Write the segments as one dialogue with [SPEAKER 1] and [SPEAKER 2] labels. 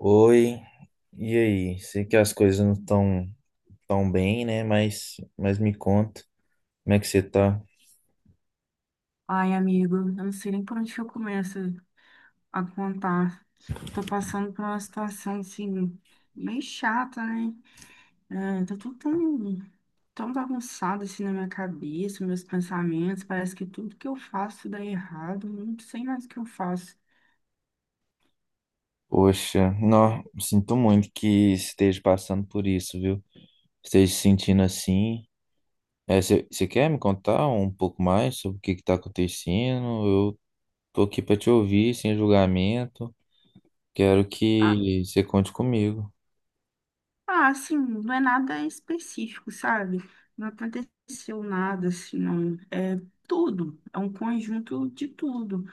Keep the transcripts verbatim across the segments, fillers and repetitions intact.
[SPEAKER 1] Oi, e aí? Sei que as coisas não estão tão bem, né? Mas, mas me conta, como é que você tá?
[SPEAKER 2] Ai, amigo, eu não sei nem por onde que eu começo a contar. Tô passando por uma situação, assim, bem chata, né? É, tá tudo tão, tão bagunçado, assim, na minha cabeça, meus pensamentos. Parece que tudo que eu faço dá errado. Eu Não sei mais o que eu faço.
[SPEAKER 1] Poxa, não, sinto muito que esteja passando por isso, viu? Esteja se sentindo assim. É, você você quer me contar um pouco mais sobre o que que tá acontecendo? Eu tô aqui pra te ouvir, sem julgamento. Quero
[SPEAKER 2] Ah,
[SPEAKER 1] que você conte comigo.
[SPEAKER 2] ah, assim, não é nada específico, sabe? Não aconteceu nada, assim, não. É tudo. É um conjunto de tudo.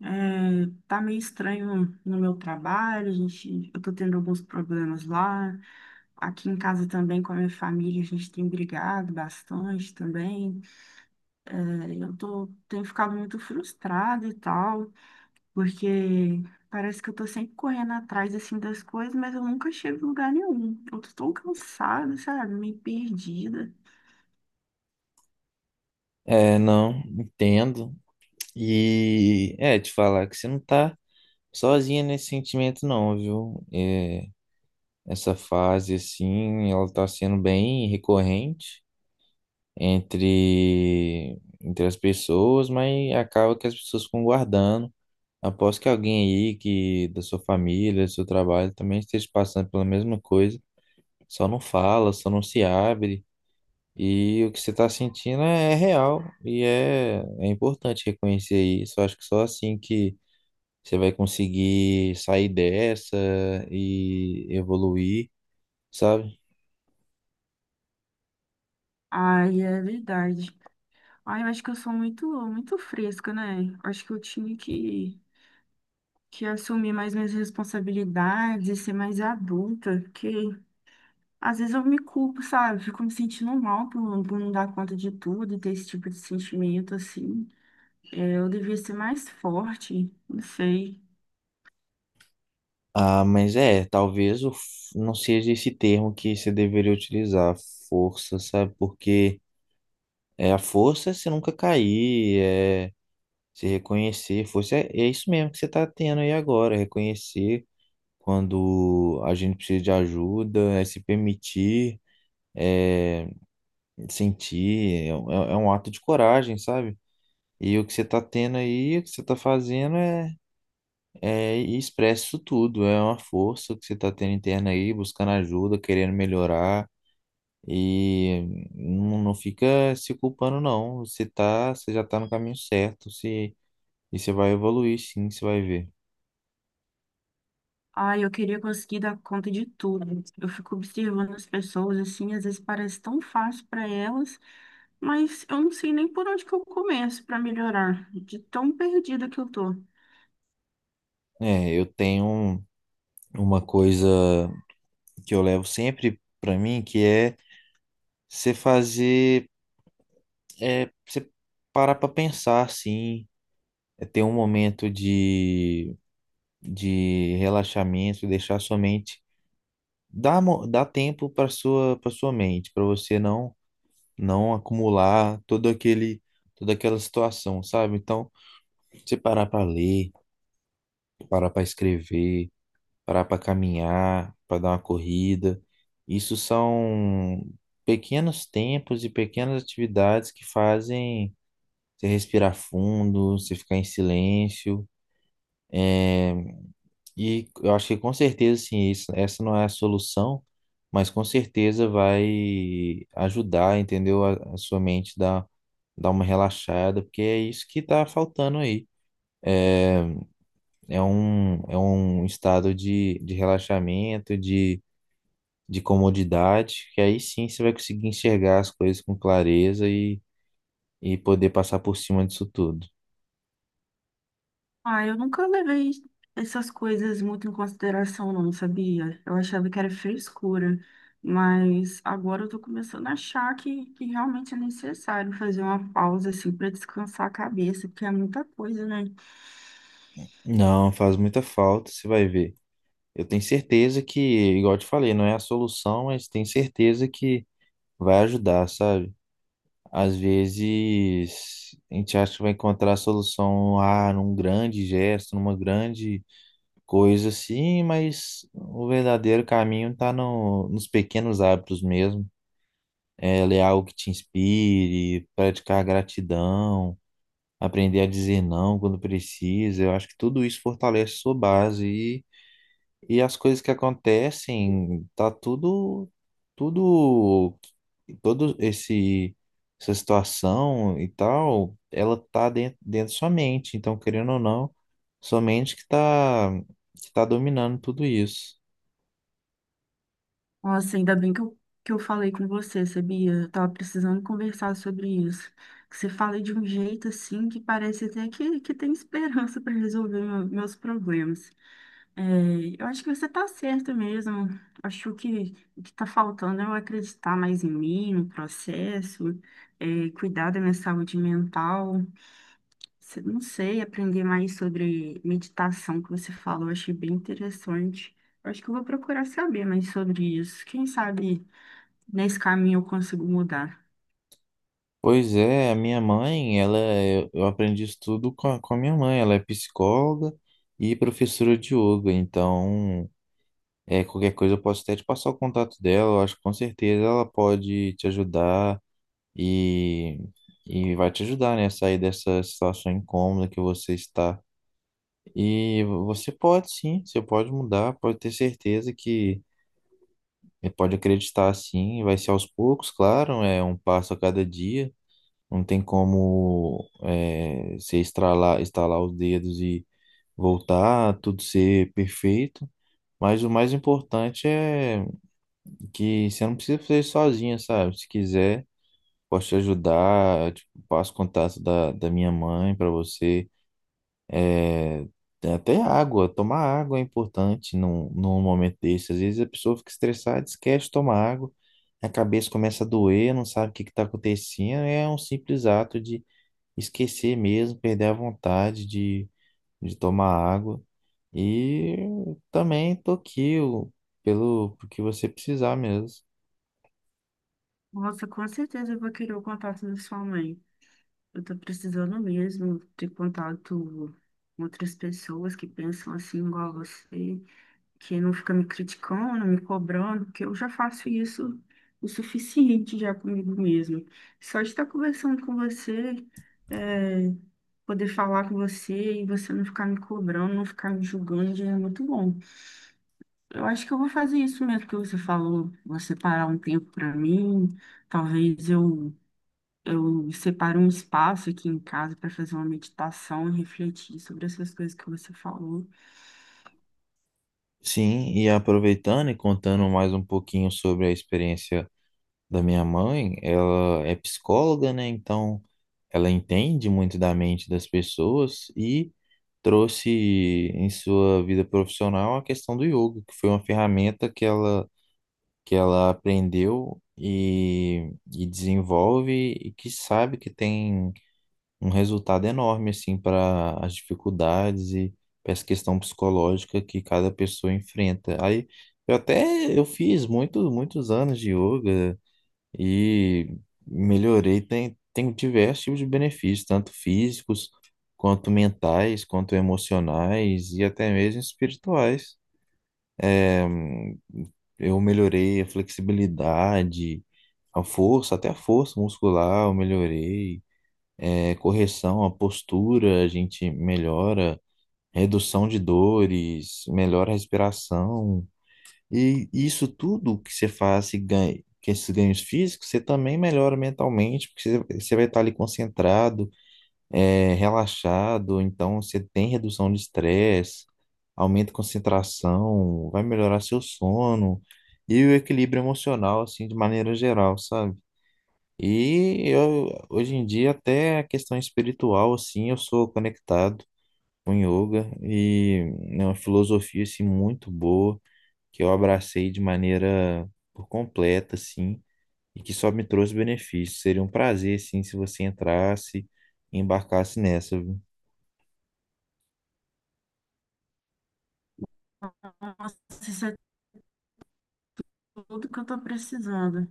[SPEAKER 2] É, tá meio estranho no meu trabalho, a gente, eu tô tendo alguns problemas lá. Aqui em casa também com a minha família, a gente tem brigado bastante também. É, eu tô, tenho ficado muito frustrada e tal, porque parece que eu tô sempre correndo atrás assim das coisas, mas eu nunca chego em lugar nenhum. Eu tô tão cansada, sabe? Meio perdida.
[SPEAKER 1] É, não, entendo. E é, te falar que você não tá sozinha nesse sentimento não, viu? É, essa fase, assim, ela tá sendo bem recorrente entre, entre as pessoas, mas acaba que as pessoas ficam guardando. Aposto que alguém aí que da sua família, do seu trabalho, também esteja passando pela mesma coisa. Só não fala, só não se abre. E o que você tá sentindo é real e é, é importante reconhecer isso. Eu acho que só assim que você vai conseguir sair dessa e evoluir, sabe?
[SPEAKER 2] Ai, é verdade. Ai, eu acho que eu sou muito, muito fresca, né? Acho que eu tinha que que assumir mais minhas responsabilidades, ser mais adulta, porque às vezes eu me culpo, sabe? Fico me sentindo mal por, por não dar conta de tudo e ter esse tipo de sentimento, assim. É, eu devia ser mais forte, não sei.
[SPEAKER 1] Ah, mas é, talvez o, f- não seja esse termo que você deveria utilizar, força, sabe? Porque é a força é você nunca cair, é se reconhecer, força é, é isso mesmo que você está tendo aí agora, reconhecer quando a gente precisa de ajuda, é se permitir, é sentir, é, é é um ato de coragem, sabe? E o que você tá tendo aí, o que você tá fazendo é, é ir expresso isso tudo. É uma força que você tá tendo interna aí, buscando ajuda, querendo melhorar. E não, não fica se culpando, não. Você tá, você já tá no caminho certo. Se, e você vai evoluir, sim, você vai ver.
[SPEAKER 2] Ai, eu queria conseguir dar conta de tudo. Eu fico observando as pessoas, assim, às vezes parece tão fácil para elas, mas eu não sei nem por onde que eu começo para melhorar, de tão perdida que eu tô.
[SPEAKER 1] É, eu tenho uma coisa que eu levo sempre pra mim, que é você fazer, é, você parar pra pensar, assim. É ter um momento de de relaxamento, deixar sua mente, dá, mo- dá tempo para sua para sua mente, para você não não acumular todo aquele toda aquela situação, sabe? Então, você parar para ler, parar para escrever, parar para caminhar, para dar uma corrida, isso são pequenos tempos e pequenas atividades que fazem você respirar fundo, você ficar em silêncio. eh, E eu acho que com certeza, sim, isso, essa não é a solução, mas com certeza vai ajudar, entendeu? A, a sua mente dar, dar uma relaxada, porque é isso que tá faltando aí. É, é um, é um estado de, de relaxamento, de, de comodidade, que aí sim você vai conseguir enxergar as coisas com clareza e, e poder passar por cima disso tudo.
[SPEAKER 2] Ah, eu nunca levei essas coisas muito em consideração, não, sabia? Eu achava que era frescura, mas agora eu tô começando a achar que, que realmente é necessário fazer uma pausa, assim, para descansar a cabeça, porque é muita coisa, né?
[SPEAKER 1] Não, faz muita falta, você vai ver. Eu tenho certeza que, igual eu te falei, não é a solução, mas tenho certeza que vai ajudar, sabe? Às vezes a gente acha que vai encontrar a solução ah, num grande gesto, numa grande coisa assim, mas o verdadeiro caminho está no, nos pequenos hábitos mesmo. É ler algo que te inspire, praticar gratidão, aprender a dizer não quando precisa. Eu acho que tudo isso fortalece sua base. E as coisas que acontecem, tá tudo, tudo, todo esse, essa situação e tal, ela tá dentro, dentro da sua mente. Então, querendo ou não, sua mente que tá, que tá dominando tudo isso.
[SPEAKER 2] Nossa, ainda bem que eu, que eu falei com você, sabia? Eu tava precisando conversar sobre isso. Que você fala de um jeito, assim, que parece até que, que tem esperança para resolver meu- meus problemas. É, eu acho que você está certo mesmo. Acho que o que está faltando é eu acreditar mais em mim, no processo, é, cuidar da minha saúde mental. Se- Não sei, aprender mais sobre meditação que você falou, achei bem interessante. Acho que eu vou procurar saber mais sobre isso. Quem sabe nesse caminho eu consigo mudar.
[SPEAKER 1] Pois é, a minha mãe, ela, é- eu aprendi isso tudo com a, com a minha mãe. Ela é psicóloga e professora de yoga. Então, é, qualquer coisa eu posso até te passar o contato dela. Eu acho que com certeza ela pode te ajudar e, e vai te ajudar, né, a sair dessa situação incômoda que você está. E você pode sim, você pode mudar, pode ter certeza que eh, pode acreditar sim, vai ser aos poucos, claro, é um passo a cada dia, não tem como é, você estralar, estalar os dedos e voltar, tudo ser perfeito. Mas o mais importante é que você não precisa fazer sozinha, sabe? Se quiser, posso te ajudar, tipo, passo o contato da, da minha mãe para você. É, tem até água, tomar água é importante num, num momento desse. Às vezes a pessoa fica estressada, esquece de tomar água, a cabeça começa a doer, não sabe o que está acontecendo. É um simples ato de esquecer mesmo, perder a vontade de, de tomar água. E também tô aqui o- pelo, pelo que você precisar mesmo.
[SPEAKER 2] Nossa, com certeza eu vou querer o contato da sua mãe. Eu estou precisando mesmo ter contato com outras pessoas que pensam assim igual a você, que não fica me criticando, me cobrando, porque eu já faço isso o suficiente já comigo mesmo. Só de estar conversando com você, é, poder falar com você e você não ficar me cobrando, não ficar me julgando, já é muito bom. Eu acho que eu vou fazer isso mesmo que você falou, vou separar um tempo para mim, talvez eu Eu separe um espaço aqui em casa para fazer uma meditação e refletir sobre essas coisas que você falou.
[SPEAKER 1] Sim, e aproveitando e contando mais um pouquinho sobre a experiência da minha mãe, ela é psicóloga, né? Então, ela entende muito da mente das pessoas e trouxe em sua vida profissional a questão do yoga, que foi uma ferramenta que ela, que ela aprendeu e, e desenvolve e que sabe que tem um resultado enorme, assim, para as dificuldades e para essa questão psicológica que cada pessoa enfrenta. Aí, eu até eu fiz muito, muitos anos de yoga, e melhorei. Tem, tem diversos tipos de benefícios, tanto físicos, quanto mentais, quanto emocionais e até mesmo espirituais. É, eu melhorei a flexibilidade, a força, até a força muscular eu melhorei. É, correção, a postura a gente melhora, redução de dores, melhora a respiração. E isso tudo que você faz e ganha, que esses ganhos físicos, você também melhora mentalmente, porque você, você vai estar ali concentrado, é, relaxado, então você tem redução de estresse, aumenta a concentração, vai melhorar seu sono e o equilíbrio emocional, assim, de maneira geral, sabe? E eu, hoje em dia, até a questão espiritual, assim, eu sou conectado com yoga e é uma filosofia, assim, muito boa que eu abracei de maneira por completa, assim, e que só me trouxe benefícios. Seria um prazer, sim, se você entrasse e embarcasse nessa, viu?
[SPEAKER 2] Nossa, isso é tudo que eu estou precisando,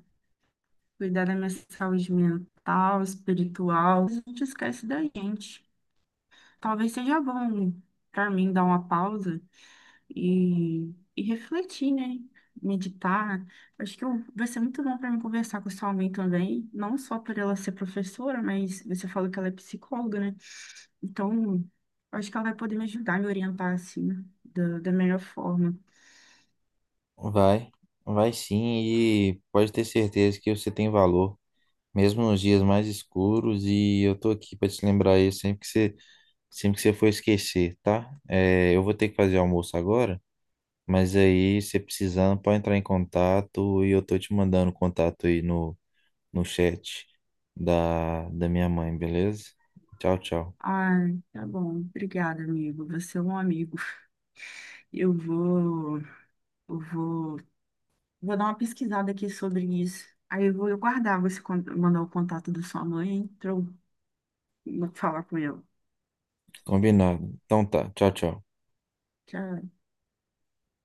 [SPEAKER 2] cuidar da minha saúde mental, espiritual. A gente esquece da gente. Talvez seja bom para mim dar uma pausa e, e refletir, né? Meditar. Acho que eu- vai ser muito bom para mim conversar com sua mãe também, não só por ela ser professora, mas você falou que ela é psicóloga, né? Então, acho que ela vai poder me ajudar, me orientar assim, da, da melhor forma.
[SPEAKER 1] Vai, vai sim, e pode ter certeza que você tem valor, mesmo nos dias mais escuros, e eu tô aqui para te lembrar isso sempre que você, sempre que você for esquecer, tá? É, eu vou ter que fazer almoço agora, mas aí, se precisando, pode entrar em contato e eu tô te mandando o contato aí no no chat da, da minha mãe, beleza? Tchau, tchau.
[SPEAKER 2] Ai, tá bom. Obrigada, amigo. Você é um amigo. Eu vou, eu vou Vou dar uma pesquisada aqui sobre isso. Aí eu vou guardar, você con- mandar o contato da sua mãe, pra eu falar com ela.
[SPEAKER 1] Combinado. Então tá. Tchau, tchau.
[SPEAKER 2] Tchau.